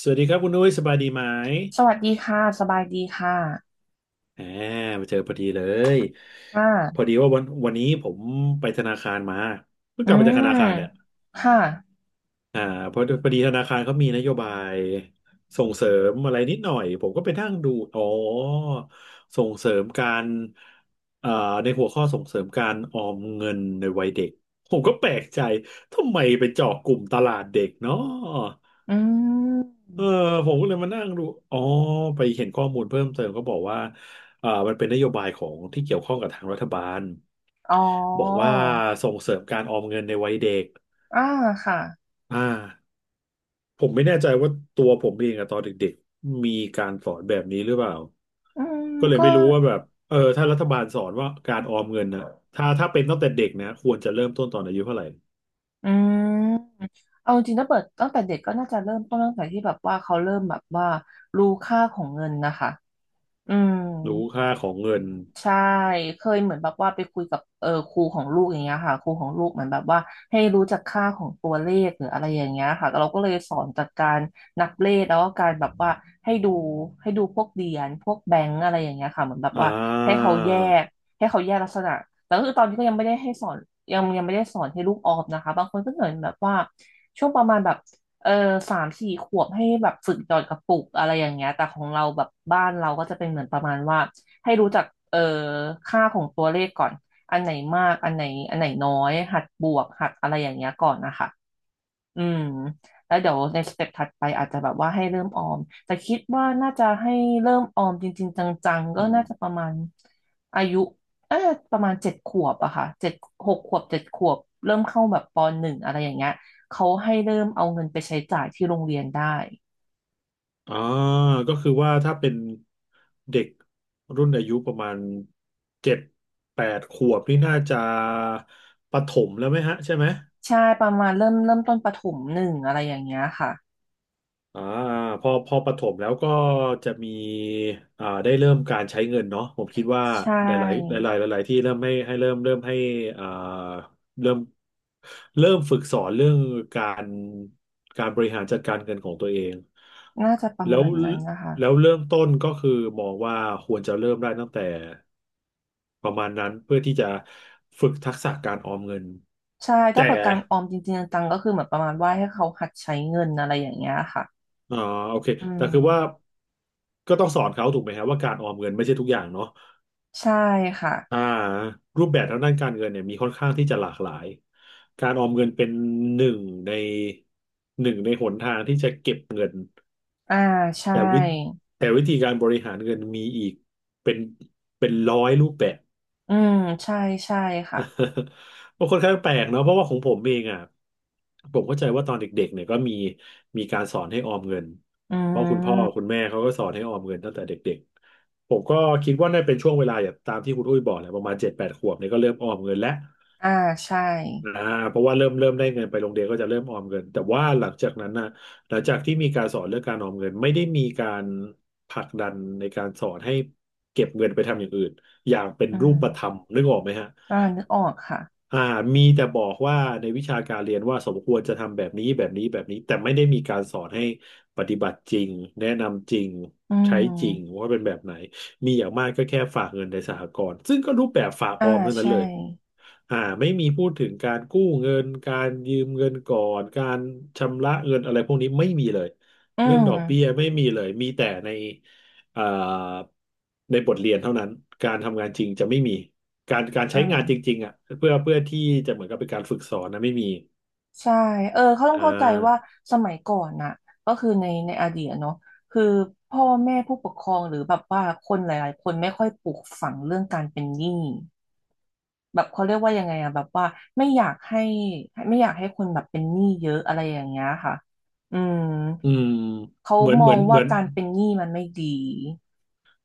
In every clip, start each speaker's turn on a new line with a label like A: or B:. A: สวัสดีครับคุณนุ้ยสบายดีไหม
B: สวัสดีค่ะ สบายดีค่ะ
A: อ่ามาเจอพอดีเลย
B: ค
A: พอ
B: ่ะ
A: ดีว่าวันนี้ผมไปธนาคารมาเพิ่ง
B: อื
A: กลับมาจากธ
B: ม
A: นาคารเนี่ย
B: ค่ะ
A: อ่าพอดีธนาคารเขามีนโยบายส่งเสริมอะไรนิดหน่อยผมก็ไปนั่งดูอ๋อส่งเสริมการเอ่าในหัวข้อส่งเสริมการออมเงินในวัยเด็กผมก็แปลกใจทำไมไปเจาะกลุ่มตลาดเด็กเนาะ
B: อืม
A: เออผมก็เลยมานั่งดูอ๋อไปเห็นข้อมูลเพิ่มเติมก็บอกว่ามันเป็นนโยบายของที่เกี่ยวข้องกับทางรัฐบาล
B: อ๋อ
A: บอกว่าส่งเสริมการออมเงินในวัยเด็ก
B: อ่าค่ะ
A: อ่าผมไม่แน่ใจว่าตัวผมเองอะตอนเด็กๆมีการสอนแบบนี้หรือเปล่า
B: อืม
A: ก็เลย
B: ก็
A: ไม่รู้ว่าแบบเออถ้ารัฐบาลสอนว่าการออมเงินนะถ้าเป็นตั้งแต่เด็กนะควรจะเริ่มต้นตอนอายุเท่าไหร่
B: อืมเอาจริงๆถ้าเปิดตั้งแต่เด็กก็น่าจะเริ่มต้นตั้งแต่ที่แบบว่าเขาเริ่มแบบว่ารู้ค่าของเงินนะคะ อืม
A: รู้ค่าของเงิน
B: ใช่ เคยเหมือนแบบว่าไปคุยกับครูของลูกอย่างเงี้ยค่ะครูของลูกเหมือนแบบว่าให้รู้จักค่าของตัวเลขหรืออะไรอย่างเงี้ยค่ะเราก็เลยสอนจากการนับเลขแล้วก็การแบบว่าให้ดูให้ดูพวกเหรียญพวกแบงก์อะไรอย่างเงี้ยค่ะเหมือนแบบ
A: อ่
B: ว่าให้
A: า
B: เขาแยกให้เขาแยกลักษณะแต่ก็คือตอนนี้ก็ยังไม่ได้ให้สอนยังไม่ได้สอนให้ลูกออมนะคะบางคนก็เหมือนแบบว่าช่วงประมาณแบบเออสามสี่ขวบให้แบบฝึกหยอดกระปุกอะไรอย่างเงี้ยแต่ของเราแบบบ้านเราก็จะเป็นเหมือนประมาณว่า ให้รู้จักเอ่อค่าของตัวเลขก่อนอันไหนมากอันไหนน้อยหัดบวกหัดอะไรอย่างเงี้ยก่อนนะคะอืมแล้วเดี๋ยวในสเต็ปถัดไปอาจจะแบบว่าให้เริ่มออมแต่คิดว่าน่าจะให้เริ่มออมจริงๆจังๆ
A: อื
B: ก็
A: ม
B: น่าจะประมาณอายุเออประมาณเจ็ดขวบอะค่ะเจ็ดหกขวบเจ็ดขวบเริ่มเข้าแบบปหนึ่งอะไรอย่างเงี้ยเขาให้เริ่มเอาเงินไปใช้จ่ายที่โรงเรียนได้
A: อ่าก็คือว่าถ้าเป็นเด็กรุ่นอายุประมาณเจ็ดแปดขวบนี่น่าจะประถมแล้วไหมฮะใช่ไหม
B: ใช่ประมาณเริ่มต้นประถมหนึ่งอะไรอย่างเงี้ยค่ะ
A: อ่าพอประถมแล้วก็จะมีได้เริ่มการใช้เงินเนาะผมคิดว่า
B: ใช่
A: หลายๆหลายๆหลายๆที่เริ่มให้เริ่มให้อ่าเริ่มเริ่มฝึกสอนเรื่องการการบริหารจัดการเงินของตัวเอง
B: น่าจะประ
A: แล้
B: มา
A: ว
B: ณนั้นนะคะ
A: แล้วเริ่มต้นก็คือมองว่าควรจะเริ่มได้ตั้งแต่ประมาณนั้นเพื่อที่จะฝึกทักษะการออมเงิน
B: ใช่ถ้า
A: แต่
B: เปิดการออมจริงๆจังๆก็คือเหมือนประมาณว่าให้เขาหัดใช้เงินอะไรอย่างเงี้ยค่ะ
A: อ่าโอเค
B: อื
A: แต่คือว่า
B: ม
A: ก็ต้องสอนเขาถูกไหมฮะว่าการออมเงินไม่ใช่ทุกอย่างเนาะ
B: ใช่ค่ะ
A: อ่ารูปแบบทางด้านการเงินเนี่ยมีค่อนข้างที่จะหลากหลายการออมเงินเป็นหนึ่งในหนึ่งในหนทางที่จะเก็บเงิน
B: อ่าใช่
A: แต่วิแต่วิธีการบริหารเงินมีอีกเป็นเป็นร้อยรูปแบบ
B: อืมใช่ใช่ค่ะ
A: ก็ค่อนข้างแปลกเนาะเพราะว่าของผมเองอ่ะผมเข้าใจว่าตอนเด็กๆเนี่ยก็มีมีการสอนให้ออมเงิน
B: อื
A: เพราะคุณพ่อคุณ
B: ม
A: แม่เขาก็สอนให้ออมเงินตั้งแต่เด็กๆผมก็คิดว่าน่าเป็นช่วงเวลาอย่างตามที่คุณอุ้ยบอกแหละประมาณเจ็ดแปดขวบเนี่ยก็เริ่มออมเงินแล้ว
B: อ่าใช่
A: นะเพราะว่าเริ่มได้เงินไปโรงเรียนก็จะเริ่มออมเงินแต่ว่าหลังจากนั้นนะหลังจากที่มีการสอนเรื่องการออมเงินไม่ได้มีการผลักดันในการสอนให้เก็บเงินไปทำอย่างอื่นอย่างเป็น
B: อื
A: รู
B: ม
A: ปธรรมนึกออกไหมฮะ
B: อ่านึกออกค่ะ
A: อ่ามีแต่บอกว่าในวิชาการเรียนว่าสมควรจะทำแบบนี้แบบนี้แบบนี้แต่ไม่ได้มีการสอนให้ปฏิบัติจริงแนะนำจริง
B: อื
A: ใช้จริง
B: ม
A: ว่าเป็นแบบไหนมีอย่างมากก็แค่ฝากเงินในสหกรณ์ซึ่งก็รูปแบบฝากอ
B: อ่า
A: อมเท่านั้น
B: ใช่
A: เลยไม่มีพูดถึงการกู้เงินการยืมเงินก่อนการชำระเงินอะไรพวกนี้ไม่มีเลย
B: อื
A: เรื่องดอกเบี้ย
B: ม
A: ไม่มีเลยมีแต่ในอ่าในบทเรียนเท่านั้นการทำงานจริงจะไม่มี การ
B: อ่
A: ใช้งานจ
B: า
A: ริงๆอ่ะเพื่อที่จะเหมือนกับเป็นการฝึกสอนนะไม่มี
B: ใช่เขาต้อ
A: อ่
B: งเข้าใจว่า
A: า
B: สมัยก่อนน่ะก็คือในในอดีตอะเนาะคือพ่อแม่ผู้ปกครองหรือแบบว่าคนหลายๆคนไม่ค่อยปลูกฝังเรื่องการเป็นหนี้แบบเขาเรียกว่ายังไงอะแบบว่าไม่อยากให้ไม่อยากให้คนแบบเป็นหนี้เยอะอะไรอย่างเงี้ยค่ะอืม
A: อืม
B: เขา
A: เหมือน
B: ม
A: เหมื
B: อ
A: อ
B: ง
A: นเห
B: ว่า
A: มือน
B: การเป็นหนี้มันไม่ดี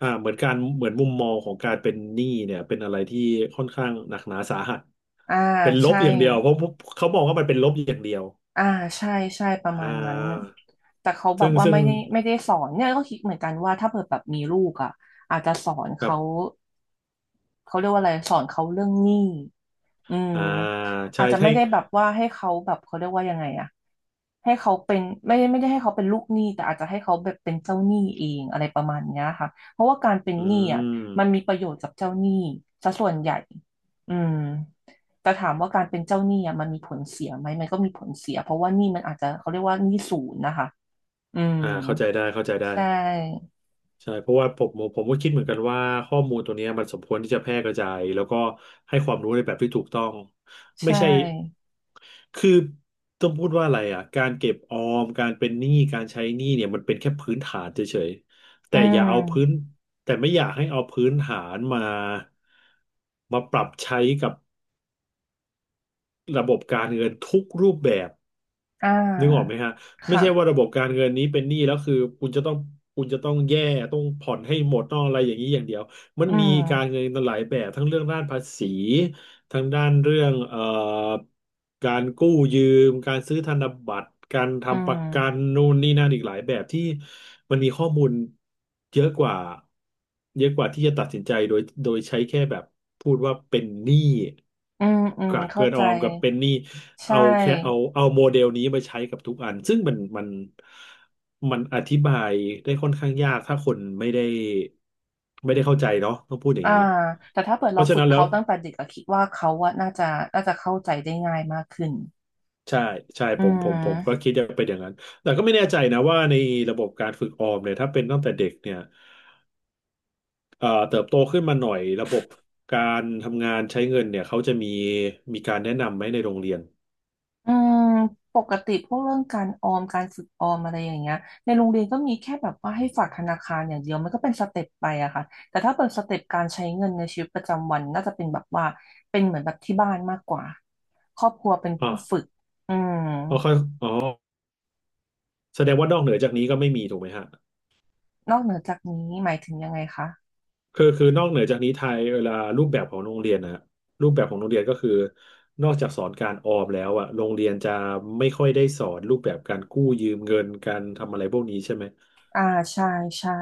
A: เหมือนการเหมือนมุมมองของการเป็นหนี้เนี่ยเป็นอะไรที่ค่อนข้างหนักหนาสาหัส
B: อ่า
A: เป็นลบ
B: ใช่
A: อย่างเดียวเพราะเขามองว่ามันเป็นลบอย่างเดียว
B: อ่าใช่ใช่ประ
A: อ่
B: มาณนั้น
A: า
B: แต่เขาแบ
A: ซึ่
B: บ
A: ง
B: ว่า
A: ซึ่ง
B: ไม่ได้สอนเนี่ยก็คิดเหมือนกันว่าถ้าเกิดแบบมีลูกอ่ะอาจจะสอน
A: ครับ
B: เขาเขาเรียกว่าอะไรสอนเขาเรื่องหนี้ อืม
A: อ่าใช่
B: อาจจะ
A: ใช่
B: ไม่ได้แบบว่าให้เขาแบบเขาเรียกว่ายังไงอะให้เขาเป็นไม่ได้ให้เขาเป็นลูกหนี้แต่อาจจะให้เขาแบบเป็นเจ้าหนี้เองอะไรประมาณเนี้ยค่ะเพราะว่าการเป็น
A: อื
B: หนี้อะมัน
A: ม
B: มีประโยชน์กับเจ้าหนี้ซะส่วนใหญ่อืมแต่ถามว่าการเป็นเจ้าหนี้อะมันมีผลเสียไหมมันก็มีผลเสียเพราะว่าหนี้มันอาจจะเขาเรียกว่าหนี้ศูนย์นะคะอืม
A: เข้าใจได้เข้าใจได้
B: ใช่
A: ใช่เพราะว่าผมก็คิดเหมือนกันว่าข้อมูลตัวเนี้ยมันสมควรที่จะแพร่กระจายแล้วก็ให้ความรู้ในแบบที่ถูกต้องไม่
B: ใช
A: ใช่
B: ่
A: คือต้องพูดว่าอะไรอ่ะการเก็บออมการเป็นหนี้การใช้หนี้เนี่ยมันเป็นแค่พื้นฐานเฉยๆแต่
B: อื
A: อย่าเอาพื้น
B: ม
A: แต่ไม่อยากให้เอาพื้นฐานมาปรับใช้กับระบบการเงินทุกรูปแบบ
B: อ่
A: นึกออกไหม
B: า
A: ฮะไม่
B: ค่ะ
A: ใช่ว่าระบบการเงินนี้เป็นหนี้แล้วคือคุณจะต้องคุณจะต้องต้องผ่อนให้หมดต้องอะไรอย่างนี้อย่างเดียวมัน
B: อื
A: มีการเงิ
B: ม
A: นหลายแบบทั้งเรื่องด้านภาษีทั้งด้านเรื่องการกู้ยืมการซื้อธนบัตรการ
B: อื
A: ทำประกัน
B: ม
A: นู่นนี่นั่นอีกหลายแบบที่มันมีข้อมูลเยอะกว่าเยอะกว่าที่จะตัดสินใจโดยใช้แค่แบบพูดว่าเป็นหนี้
B: อืมอืม
A: กับเกิ
B: เข้า
A: นอ
B: ใจ
A: อมกับเป็นหนี้
B: ใช
A: เอาแค่เอา
B: ่
A: โมเดลนี้มาใช้กับทุกอันซึ่งมันมันอธิบายได้ค่อนข้างยากถ้าคนไม่ได้ไม่ได้เข้าใจเนาะต้องพูดอย่าง
B: อ่า
A: นี้
B: แต่ถ้าเปิด
A: เพ
B: เรา
A: ราะฉะ
B: ฝึ
A: นั้
B: ก
A: นแล้
B: เขา
A: ว
B: ตั้งแต่เด็กอะคิดว่าเขาอะน่าจะน่าจะเข้าใจได้ง่ายมากขึ้น
A: ใช่ใช่
B: อื
A: ผมก็
B: ม
A: คิดจะเป็นอย่างนั้นแต่ก็ไม่แน่ใจนะว่าในระบบการฝึกออมเนี่ยถ้าเป็นตั้งแต่เด็กเนี่ยเติบโตขึ้นมาหน่อยระบบการทำงานใช้เงินเนี่ยเขาจะมีการแนะนำไหมในโรงเรียน
B: อืมปกติพวกเรื่องการออมการฝึกออมอะไรอย่างเงี้ยในโรงเรียนก็มีแค่แบบว่าให้ฝากธนาคารอย่างเดียวมันก็เป็นสเต็ปไปอะค่ะแต่ถ้าเปิดสเต็ปการใช้เงินในชีวิตประจำวันน่าจะเป็นแบบว่าเป็นเหมือนแบบที่บ้านมากกว่าครอบครัวเป็น
A: อ๋อ
B: ผู้ฝึกอืม
A: อ๋อเขาอ๋อแสดงว่านอกเหนือจากนี้ก็ไม่มีถูกไหมฮะ
B: นอกเหนือจากนี้หมายถึงยังไงคะ
A: คือนอกเหนือจากนี้ไทยเวลารูปแบบของโรงเรียนนะรูปแบบของโรงเรียนก็คือนอกจากสอนการออมแล้วอะโรงเรียนจะไม่ค่อยได้สอนรูปแบบการกู้ยืมเงินการทำอะไรพวกนี้ใช่ไหม
B: อ่าใช่ใช่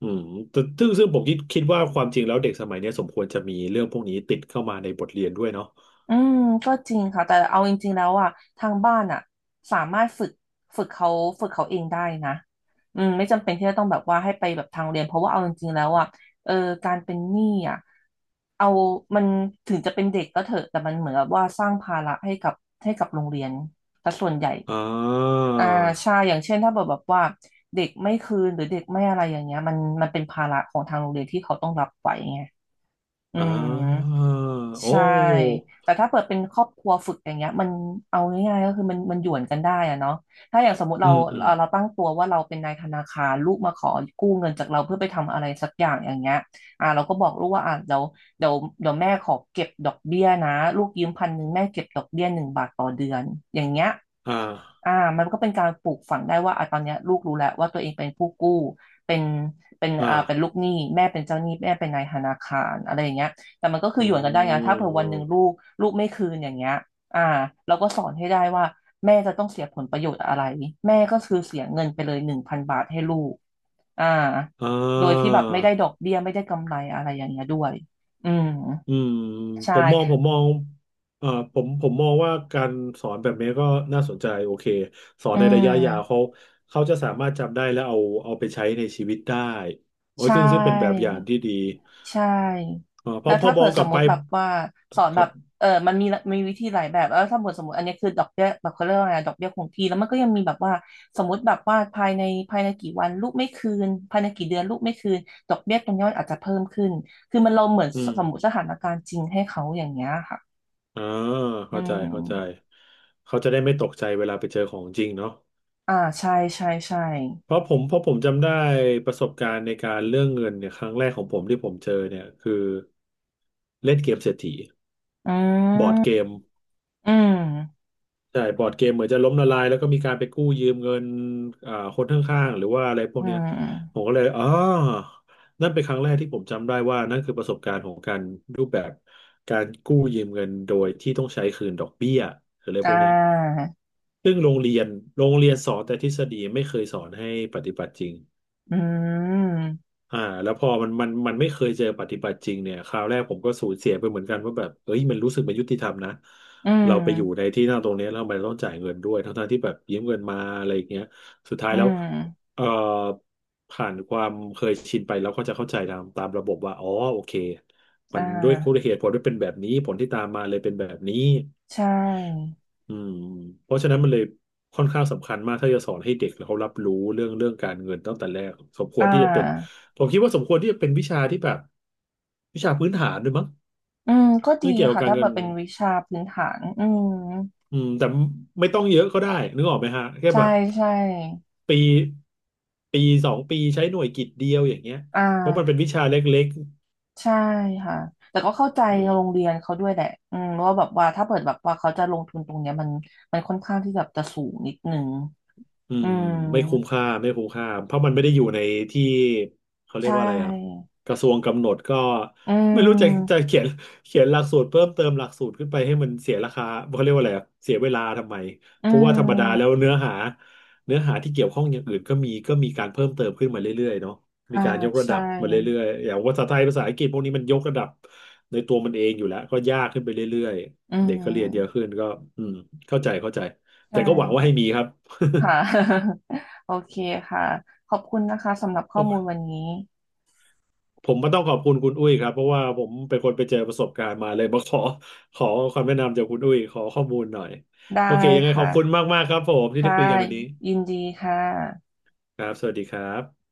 A: อืมแต่ซึ่งผมคิดว่าความจริงแล้วเด็กสมัยเนี้ยสมควรจะมีเรื่องพวกนี้ติดเข้ามาในบทเรียนด้วยเนาะ
B: อืมก็จริงค่ะแต่เอาจริงๆแล้วอ่ะทางบ้านอ่ะสามารถฝึกเขาฝึกเขาเองได้นะอืมไม่จำเป็นที่จะต้องแบบว่าให้ไปแบบทางเรียนเพราะว่าเอาจริงๆแล้วอ่ะเออการเป็นหนี้อ่ะเอามันถึงจะเป็นเด็กก็เถอะแต่มันเหมือนกับว่าสร้างภาระให้กับโรงเรียนแต่ส่วนใหญ่
A: อ่า
B: อ่าใช่อย่างเช่นถ้าแบบว่าเด็กไม่คืนหรือเด็กไม่อะไรอย่างเงี้ยมันเป็นภาระของทางโรงเรียนที่เขาต้องรับไว้ไงอื
A: อ่
B: ม
A: าโอ
B: ใช่
A: ้
B: แต่ถ้าเปิดเป็นครอบครัวฝึกอย่างเงี้ยมันเอาง่ายๆก็คือมันหยวนกันได้อะเนาะถ้าอย่างสมมติ
A: อื
B: เรา
A: มอืม
B: เราตั้งตัวว่าเราเป็นนายธนาคารลูกมาขอกู้เงินจากเราเพื่อไปทำอะไรสักอย่างอย่างเงี้ยเราก็บอกลูกว่าเดี๋ยวเดี๋ยวแม่ขอเก็บดอกเบี้ยนะลูกยืม1,000แม่เก็บดอกเบี้ย1 บาทต่อเดือนอย่างเงี้ย
A: อ่า
B: อ่ามันก็เป็นการปลูกฝังได้ว่าอ่ะตอนเนี้ยลูกรู้แล้วว่าตัวเองเป็นผู้กู้เป็นเป็นลู
A: อ่า
B: กหนี้แม่เป็นเจ้าหนี้แม่เป็นนายธนาคารอะไรอย่างเงี้ย แต่มันก็คื
A: อื
B: อหยวนกันได้นะถ้าเผื่อวันหนึ่งลู
A: ม
B: กลูกไม่คืนอย่างเงี้ยอ่าเราก็สอนให้ได้ว่าแม่จะต้องเสียผลประโยชน์อะไรแม่ก็คือเสียเงินไปเลย1,000 บาทให้ลูกอ่า
A: อ่
B: โดยที่แบบไม่ได้ด
A: า
B: อกเบี้ยไม่ได้กำไรอะไรอย่างเงี้ยด้วยอืม
A: อืมผ
B: ใช่
A: มมองผมมองผมมองว่าการสอนแบบนี้ก็น่าสนใจโอเคสอน
B: อื
A: ในระยะยาวเขา
B: ม
A: เขาจะสามารถจำได้และเอาเอาไปใช้ในชีวิตได้โอ้ย
B: ใช่
A: ซึ่งเป็นแบบอย่างที่ดี
B: ใช่
A: เออเพ
B: แล้
A: ราะ
B: ว
A: พอ
B: ถ้า
A: มอ
B: เผื่
A: ง
B: อ
A: ก
B: ส
A: ลับ
B: มม
A: ไป
B: ติแบบว่าสอน
A: ค
B: แบ
A: รับ
B: บมันมีมีวิธีหลายแบบแล้วถ้าเผื่อสมมติอันนี้คือดอกเบี้ยแบบเขาเรียกว่าไงดอกเบี้ยคงที่แล้วมันก็ยังมีแบบว่าสมมติแบบว่าภายในกี่วันลูกไม่คืนภายในกี่เดือนลูกไม่คืนดอกเบี้ยตรงเนี้มันอาจจะเพิ่มขึ้นคือมันเราเหมือน
A: อืม
B: สมมติสถานการณ์จริงให้เขาอย่างเงี้ยค่ะ
A: อ่า
B: อื
A: เข้าใจเข้าใจ
B: ม
A: เขาจะได้ไม่ตกใจเวลาไปเจอของจริงเนาะ
B: ใช่ใช่ใช่
A: เพราะผมจำได้ประสบการณ์ในการเรื่องเงินเนี่ยครั้งแรกของผมที่ผมเจอเนี่ยคือเล่นเกมเศรษฐี
B: อื
A: บอร์ดเก
B: ม
A: ม
B: อืม
A: ใช่บอร์ดเกมเหมือนจะล้มละลายแล้วก็มีการไปกู้ยืมเงินอ่าคนข้างๆหรือว่าอะไรพวก
B: อื
A: เนี้ยผม
B: ม
A: ก็เลยอ๋อนั่นเป็นครั้งแรกที่ผมจำได้ว่านั่นคือประสบการณ์ของการรูปแบบการกู้ยืมเงินโดยที่ต้องใช้คืนดอกเบี้ยหรืออะไร
B: อ่
A: พวกเนี้ย
B: า
A: ซึ่งโรงเรียนสอนแต่ทฤษฎีไม่เคยสอนให้ปฏิบัติจริง
B: อืม
A: อ่าแล้วพอมันไม่เคยเจอปฏิบัติจริงเนี่ยคราวแรกผมก็สูญเสียไปเหมือนกันว่าแบบเอ้ยมันรู้สึกไม่ยุติธรรมนะ
B: อื
A: เราไปอยู่ใน
B: ม
A: ที่นั่งตรงเนี้ยแล้วทำไมต้องจ่ายเงินด้วยทั้งๆที่แบบยืมเงินมาอะไรอย่างเงี้ยสุดท้าย
B: อื
A: แล้ว
B: ม
A: เอ่อผ่านความเคยชินไปแล้วก็จะเข้าใจตามระบบว่าอ๋อโอเคมั
B: อ่
A: นด้วยคุณ
B: า
A: เหตุผลด้วยเป็นแบบนี้ผลที่ตามมาเลยเป็นแบบนี้
B: ใช่
A: อืมเพราะฉะนั้นมันเลยค่อนข้างสำคัญมากถ้าจะสอนให้เด็กแล้วเขารับรู้เรื่องการเงินตั้งแต่แรกสมคว
B: อ่
A: รที่จะเป็น
B: า
A: ผมคิดว่าสมควรที่จะเป็นวิชาที่แบบวิชาพื้นฐานด้วยมั้ง
B: อืมก็ดี
A: เรื่องเกี่ยวกับ
B: ค่ะ
A: การ
B: ถ้า
A: เงิ
B: เปิ
A: น
B: ดเป็นวิชาพื้นฐานอืม
A: อืมแต่ไม่ต้องเยอะก็ได้นึกออกไหมฮะแค่
B: ใช่
A: แบบ
B: ใช่
A: ปีปีสองปีใช้หน่วยกิตเดียวอย่างเงี้ย
B: อ่
A: เพราะมันเป็
B: า
A: นวิชาเล็ก
B: ใช่ค่ะแต่ก็เข้าใจ
A: ๆอืม
B: โรงเรียนเขาด้วยแหละอืมว่าแบบว่าถ้าเปิดแบบว่าเขาจะลงทุนตรงเนี้ยมันค่อนข้างที่แบบจะสูงนิดนึง
A: อื
B: อื
A: ม
B: ม
A: ไม่คุ้มค่าเพราะมันไม่ได้อยู่ในที่เขาเรี
B: ใช
A: ยกว่าอะไรอ่ะ
B: ่
A: กระทรวงกำหนดก็
B: อื
A: ไม่รู้จะ จะ
B: ม
A: เขียนหลักสูตรเพิ่มเติมหลักสูตรขึ้นไปให้มันเสียราคาเขาเรียกว่าอะไรอ่ะเสียเวลาทำไม
B: อื
A: เพราะว่าธรรมดาแล้ว
B: ม
A: เนื้อหาที่เกี่ยวข้องอย่างอื่นก็มีก็มีการเพิ่มเติมขึ้นมาเรื่อยๆเนาะมี
B: อ่า
A: การยกระดั
B: ใช่
A: บมาเรื่อยๆอย่างภาษาไทยภาษาอังกฤษพวกนี้มันยกระดับในตัวมันเองอยู่แล้วก็ยากขึ้นไปเรื่อย
B: อื
A: ๆเด็กก็เรียนเยอะขึ้
B: ม
A: นก็อืมเข้าใจเข้าใจแต่
B: ใช่
A: ก็หวังว่าให้มีครับ
B: ค่ะ โอเคค่ะ ขอบคุณนะคะสำหรับข้อมูลวันนี้
A: ผมก็ต้องขอบคุณคุณอุ้ยครับเพราะว่าผมเป็นคนไปเจอประสบการณ์มาเลยมาขอความแนะนำจากคุณอุ้ยขอข้อมูลหน่อย
B: ได้
A: โอเคยังไงขอ
B: ค่ะ
A: บคุณมากๆครับผมที่ได้
B: ค่ะ
A: คุยกันวันนี้
B: ยินดีค่ะ
A: ครับสวัสดีครับ